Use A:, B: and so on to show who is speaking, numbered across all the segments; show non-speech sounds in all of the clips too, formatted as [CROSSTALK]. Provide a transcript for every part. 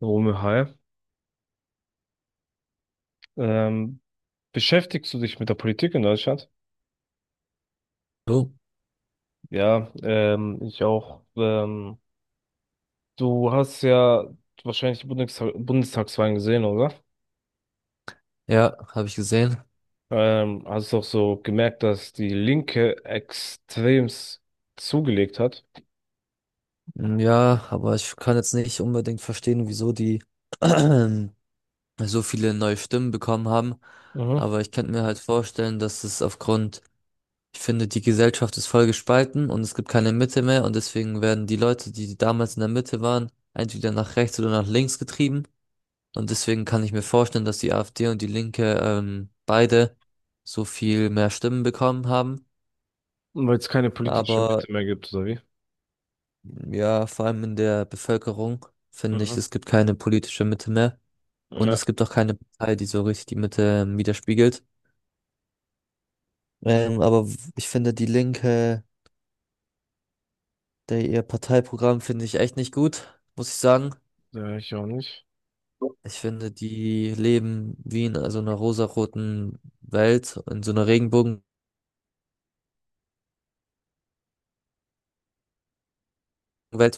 A: Romeo, hi. Ähm, Beschäftigst du dich mit der Politik in Deutschland?
B: Oh,
A: Ja, ich auch. Du hast ja wahrscheinlich die Bundestagswahlen gesehen, oder?
B: ja, habe ich gesehen.
A: Hast du auch so gemerkt, dass die Linke extremst zugelegt hat.
B: Mm, ja, aber ich kann jetzt nicht unbedingt verstehen, wieso die [CLEARS THROAT] so viele neue Stimmen bekommen haben.
A: Mhm.
B: Aber ich könnte mir halt vorstellen, dass es aufgrund, ich finde, die Gesellschaft ist voll gespalten und es gibt keine Mitte mehr und deswegen werden die Leute, die damals in der Mitte waren, entweder nach rechts oder nach links getrieben. Und deswegen kann ich mir vorstellen, dass die AfD und die Linke beide so viel mehr Stimmen bekommen haben.
A: Weil es keine politische
B: Aber
A: Mitte mehr gibt, oder wie?
B: ja, vor allem in der Bevölkerung finde ich,
A: Mhm.
B: es gibt keine politische Mitte mehr und
A: Ja,
B: es gibt auch keine Partei, die so richtig die Mitte widerspiegelt. Aber ich finde die Linke, der, ihr Parteiprogramm finde ich echt nicht gut, muss ich sagen.
A: ja, ich auch nicht.
B: Ich finde, die leben wie in so einer rosaroten Welt, in so einer Regenbogenwelt,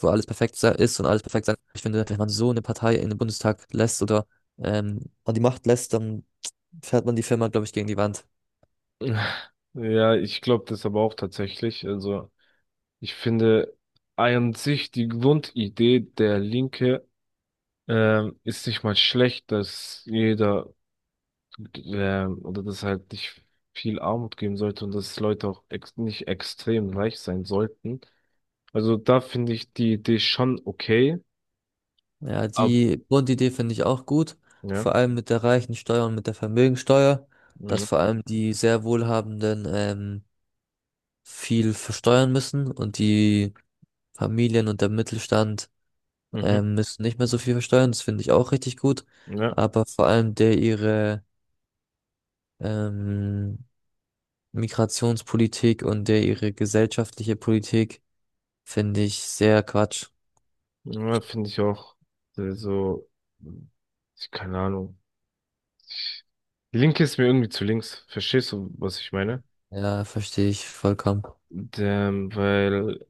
B: wo ist und alles perfekt sein. Ich finde, wenn man so eine Partei in den Bundestag lässt oder an die Macht lässt, dann fährt man die Firma, glaube ich, gegen die Wand.
A: [LAUGHS] Ja, ich glaube das aber auch tatsächlich. Also, ich finde an sich die Grundidee der Linke ist nicht mal schlecht, dass jeder oder dass halt nicht viel Armut geben sollte und dass Leute auch ex nicht extrem reich sein sollten. Also da finde ich die Idee schon okay,
B: Ja,
A: aber
B: die Grundidee finde ich auch gut.
A: ja,
B: Vor allem mit der Reichensteuer und mit der Vermögensteuer, dass
A: mhm,
B: vor allem die sehr Wohlhabenden viel versteuern müssen und die Familien und der Mittelstand
A: mhm,
B: müssen nicht mehr so viel versteuern. Das finde ich auch richtig gut.
A: ja,
B: Aber vor allem der ihre ähm, Migrationspolitik und der ihre gesellschaftliche Politik finde ich sehr Quatsch.
A: ja finde ich auch, so, mh, keine Ahnung. Die Linke ist mir irgendwie zu links, verstehst du, was ich meine?
B: Ja, verstehe ich vollkommen.
A: Und, weil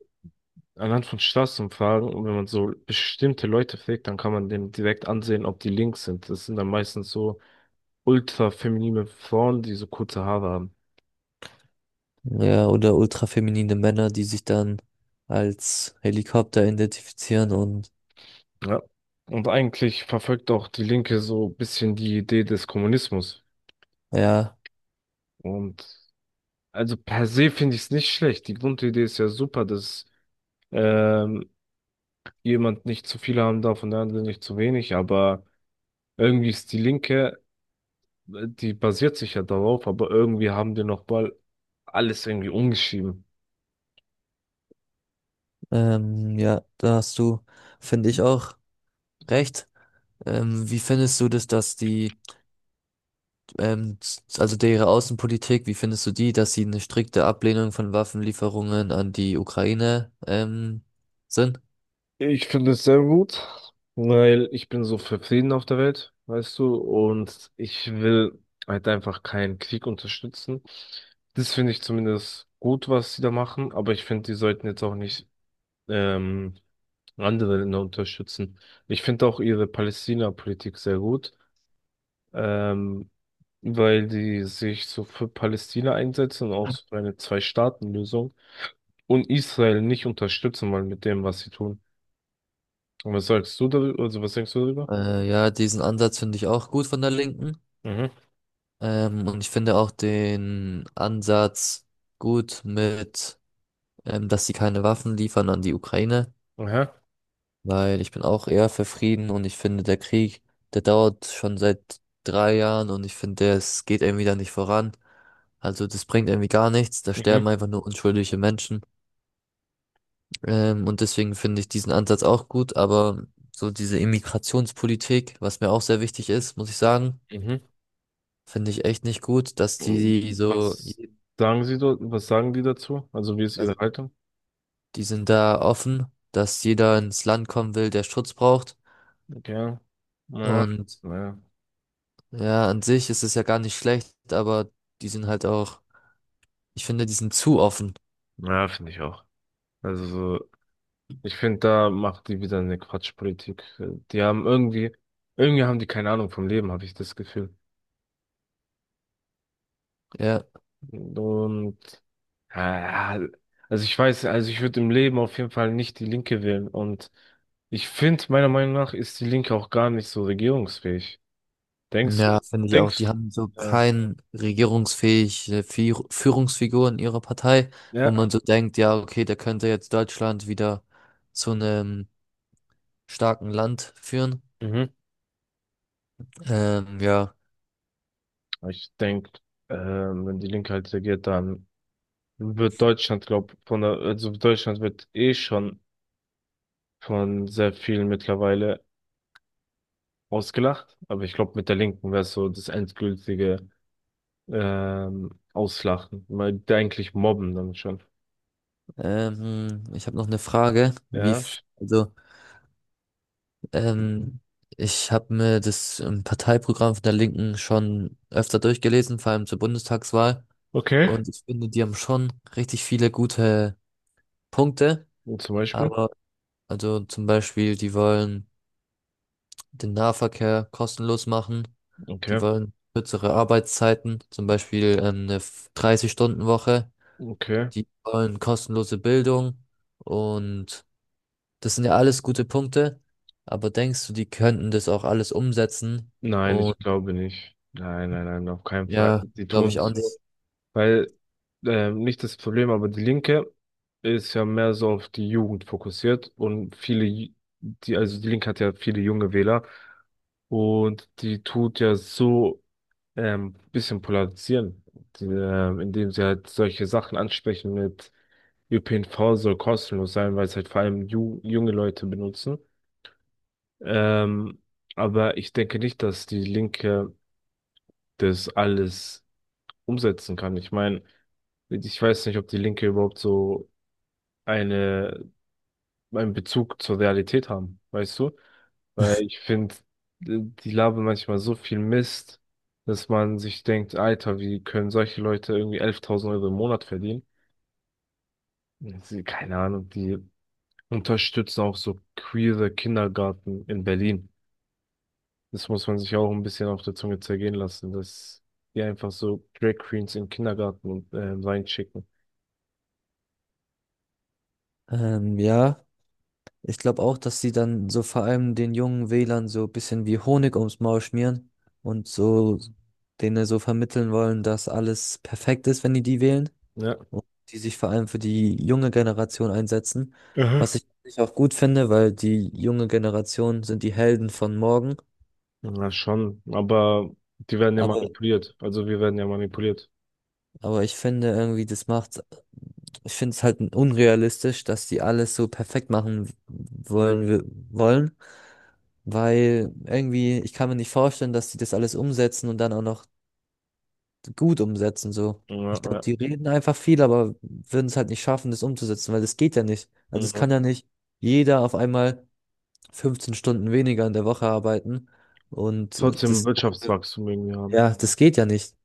A: anhand von Straßenumfragen, und wenn man so bestimmte Leute fragt, dann kann man denen direkt ansehen, ob die links sind. Das sind dann meistens so ultra-feminine Frauen, die so kurze Haare haben.
B: Ja, oder ultrafeminine Männer, die sich dann als Helikopter identifizieren und
A: Ja. Und eigentlich verfolgt auch die Linke so ein bisschen die Idee des Kommunismus.
B: ja,
A: Und also per se finde ich es nicht schlecht. Die Grundidee ist ja super, dass ähm, jemand nicht zu viele haben darf und der andere nicht zu wenig. Aber irgendwie ist die Linke, die basiert sich ja darauf, aber irgendwie haben die nochmal alles irgendwie umgeschrieben.
B: ähm, ja, da hast du, finde ich auch recht. Wie findest du das, dass die, also deren Außenpolitik, wie findest du die, dass sie eine strikte Ablehnung von Waffenlieferungen an die Ukraine, sind?
A: Ich finde es sehr gut, weil ich bin so für Frieden auf der Welt, weißt du, und ich will halt einfach keinen Krieg unterstützen. Das finde ich zumindest gut, was sie da machen, aber ich finde, die sollten jetzt auch nicht ähm, andere Länder unterstützen. Ich finde auch ihre Palästina-Politik sehr gut. Ähm, weil die sich so für Palästina einsetzen und auch so für eine Zwei-Staaten-Lösung und Israel nicht unterstützen wollen mit dem, was sie tun. Und was sagst du darüber? Also was denkst du darüber?
B: Ja, diesen Ansatz finde ich auch gut von der Linken.
A: Mhm.
B: Und ich finde auch den Ansatz gut mit dass sie keine Waffen liefern an die Ukraine,
A: Aha.
B: weil ich bin auch eher für Frieden und ich finde, der Krieg, der dauert schon seit 3 Jahren und ich finde, es geht irgendwie da nicht voran. Also das bringt irgendwie gar nichts, da
A: Mhm.
B: sterben einfach nur unschuldige Menschen. Und deswegen finde ich diesen Ansatz auch gut, aber so diese Immigrationspolitik, was mir auch sehr wichtig ist, muss ich sagen,
A: Mhm.
B: finde ich echt nicht gut, dass
A: Und
B: die so,
A: was sagen sie dort? Was sagen die dazu? Also wie ist ihre
B: also
A: Haltung?
B: die sind da offen, dass jeder ins Land kommen will, der Schutz braucht.
A: Ja. Ja.
B: Und
A: Ja,
B: ja, an sich ist es ja gar nicht schlecht, aber die sind halt auch, ich finde, die sind zu offen.
A: ja finde ich auch. Also so, ich finde, da macht die wieder eine Quatschpolitik. Die haben irgendwie, haben die keine Ahnung vom Leben, habe ich das Gefühl.
B: Ja,
A: Und ja, also ich weiß, also ich würde im Leben auf jeden Fall nicht die Linke wählen. Und ich finde, meiner Meinung nach ist die Linke auch gar nicht so regierungsfähig. Denkst
B: ja,
A: du?
B: finde ich auch. Die
A: Denkst.
B: haben so
A: Ja.
B: kein regierungsfähige Führungsfigur in ihrer Partei, wo
A: Ja.
B: man so denkt, ja, okay, der könnte jetzt Deutschland wieder zu einem starken Land führen.
A: Mhm.
B: Ähm, ja,
A: Ich denke, wenn die Linke halt regiert, dann wird Deutschland, glaub, von der, also Deutschland wird eh schon von sehr vielen mittlerweile ausgelacht. Aber ich glaube, mit der Linken wäre so das endgültige Auslachen. Mal eigentlich mobben dann schon.
B: ich habe noch eine Frage.
A: Ja.
B: Ähm, ich habe mir das Parteiprogramm von der Linken schon öfter durchgelesen, vor allem zur Bundestagswahl.
A: Okay.
B: Und ich finde, die haben schon richtig viele gute Punkte.
A: Zum Beispiel.
B: Aber, also zum Beispiel, die wollen den Nahverkehr kostenlos machen. Die
A: Okay.
B: wollen kürzere Arbeitszeiten, zum Beispiel eine 30-Stunden-Woche.
A: Okay.
B: Die wollen kostenlose Bildung. Und das sind ja alles gute Punkte. Aber denkst du, die könnten das auch alles umsetzen?
A: Nein,
B: Und
A: ich glaube nicht. Nein, nein, nein, auf keinen Fall.
B: ja,
A: Die
B: glaube
A: tun
B: ich auch
A: so,
B: nicht.
A: weil nicht das Problem, aber die Linke ist ja mehr so auf die Jugend fokussiert und viele, die, also die Linke hat ja viele junge Wähler und die tut ja so bisschen polarisieren, die, indem sie halt solche Sachen ansprechen mit ÖPNV soll kostenlos sein, weil es halt vor allem ju junge Leute benutzen. Ähm, aber ich denke nicht, dass die Linke das alles umsetzen kann. Ich meine, ich weiß nicht, ob die Linke überhaupt so eine, einen Bezug zur Realität haben, weißt du? Weil ich finde, die labern manchmal so viel Mist, dass man sich denkt, Alter, wie können solche Leute irgendwie 11.000 Euro im Monat verdienen? Sie, keine Ahnung, die unterstützen auch so queere Kindergarten in Berlin. Das muss man sich auch ein bisschen auf der Zunge zergehen lassen, dass die einfach so Drag Queens in den Kindergarten und, reinschicken.
B: Ja. Ich glaube auch, dass sie dann so vor allem den jungen Wählern so ein bisschen wie Honig ums Maul schmieren und so denen so vermitteln wollen, dass alles perfekt ist, wenn die die wählen
A: Ja,
B: und die sich vor allem für die junge Generation einsetzen, was
A: aha,
B: ich auch gut finde, weil die junge Generation sind die Helden von morgen.
A: ja, schon. Aber die werden ja
B: Aber
A: manipuliert. Also wir werden ja manipuliert.
B: Aber ich finde irgendwie, das macht, ich finde es halt unrealistisch, dass die alles so perfekt machen wollen, wollen, weil irgendwie, ich kann mir nicht vorstellen, dass die das alles umsetzen und dann auch noch gut umsetzen, so.
A: Ja,
B: Ich glaube,
A: ja,
B: die reden einfach viel, aber würden es halt nicht schaffen, das umzusetzen, weil das geht ja nicht. Also es
A: ja.
B: kann ja nicht jeder auf einmal 15 Stunden weniger in der Woche arbeiten und
A: Trotzdem
B: das,
A: Wirtschaftswachstum irgendwie haben.
B: ja, das geht ja nicht.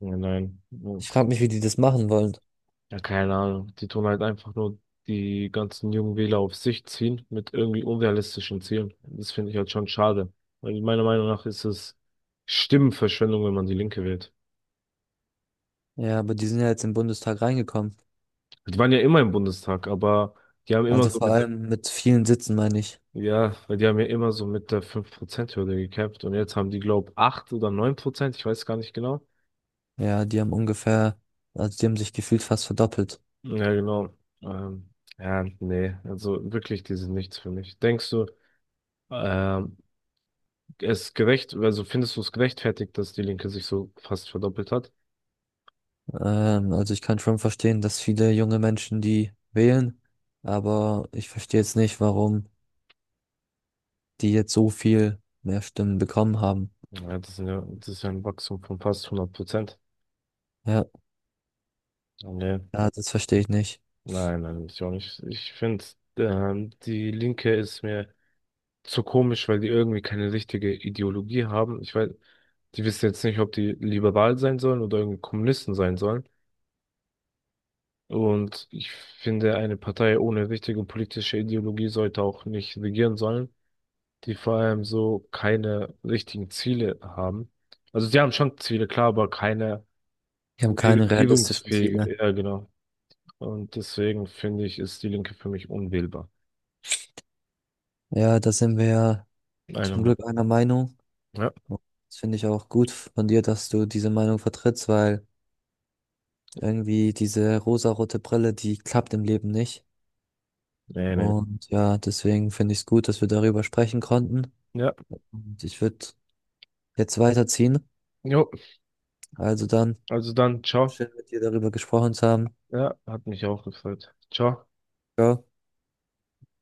A: Ja, nein.
B: Ich frage mich, wie die das machen wollen.
A: Ja, keine Ahnung. Die tun halt einfach nur die ganzen jungen Wähler auf sich ziehen mit irgendwie unrealistischen Zielen. Das finde ich halt schon schade. Weil meiner Meinung nach ist es Stimmenverschwendung, wenn man die Linke wählt.
B: Ja, aber die sind ja jetzt im Bundestag reingekommen.
A: Die waren ja immer im Bundestag, aber die haben immer
B: Also
A: so
B: vor Mhm.
A: mit der,
B: allem mit vielen Sitzen, meine ich.
A: ja, weil die haben ja immer so mit der 5%-Hürde gekämpft und jetzt haben die, glaube ich, 8 oder 9 Prozent, ich weiß gar nicht genau.
B: Ja, die haben ungefähr, also die haben sich gefühlt fast verdoppelt.
A: Hm. Ja, genau. Ähm, ja, nee, also wirklich, die sind nichts für mich. Denkst du, ähm, es gerecht, also findest du es gerechtfertigt, dass die Linke sich so fast verdoppelt hat?
B: Also ich kann schon verstehen, dass viele junge Menschen die wählen, aber ich verstehe jetzt nicht, warum die jetzt so viel mehr Stimmen bekommen haben.
A: Ja, das sind ja, das ist ja ein Wachstum von fast 100%.
B: Ja,
A: Nee,
B: ja, das verstehe ich nicht.
A: nein, nein, ich auch nicht. Ich finde, die Linke ist mir so komisch, weil die irgendwie keine richtige Ideologie haben. Ich weiß, die wissen jetzt nicht, ob die liberal sein sollen oder irgendwie Kommunisten sein sollen. Und ich finde, eine Partei ohne richtige politische Ideologie sollte auch nicht regieren sollen, die vor allem so keine richtigen Ziele haben. Also sie haben schon Ziele, klar, aber keine
B: Die haben keine realistischen Ziele.
A: regierungsfähige, ja genau. Und deswegen finde ich, ist die Linke für mich unwählbar.
B: Ja, da sind wir ja
A: Einer
B: zum
A: Meinung.
B: Glück einer Meinung.
A: Ja,
B: Das finde ich auch gut von dir, dass du diese Meinung vertrittst, weil irgendwie diese rosarote Brille, die klappt im Leben nicht.
A: nee, nee, nee.
B: Und ja, deswegen finde ich es gut, dass wir darüber sprechen konnten.
A: Ja,
B: Und ich würde jetzt weiterziehen.
A: jo,
B: Also dann,
A: also dann, ciao.
B: schön mit dir darüber gesprochen zu haben.
A: Ja, hat mich auch gefreut. Ciao.
B: Ciao.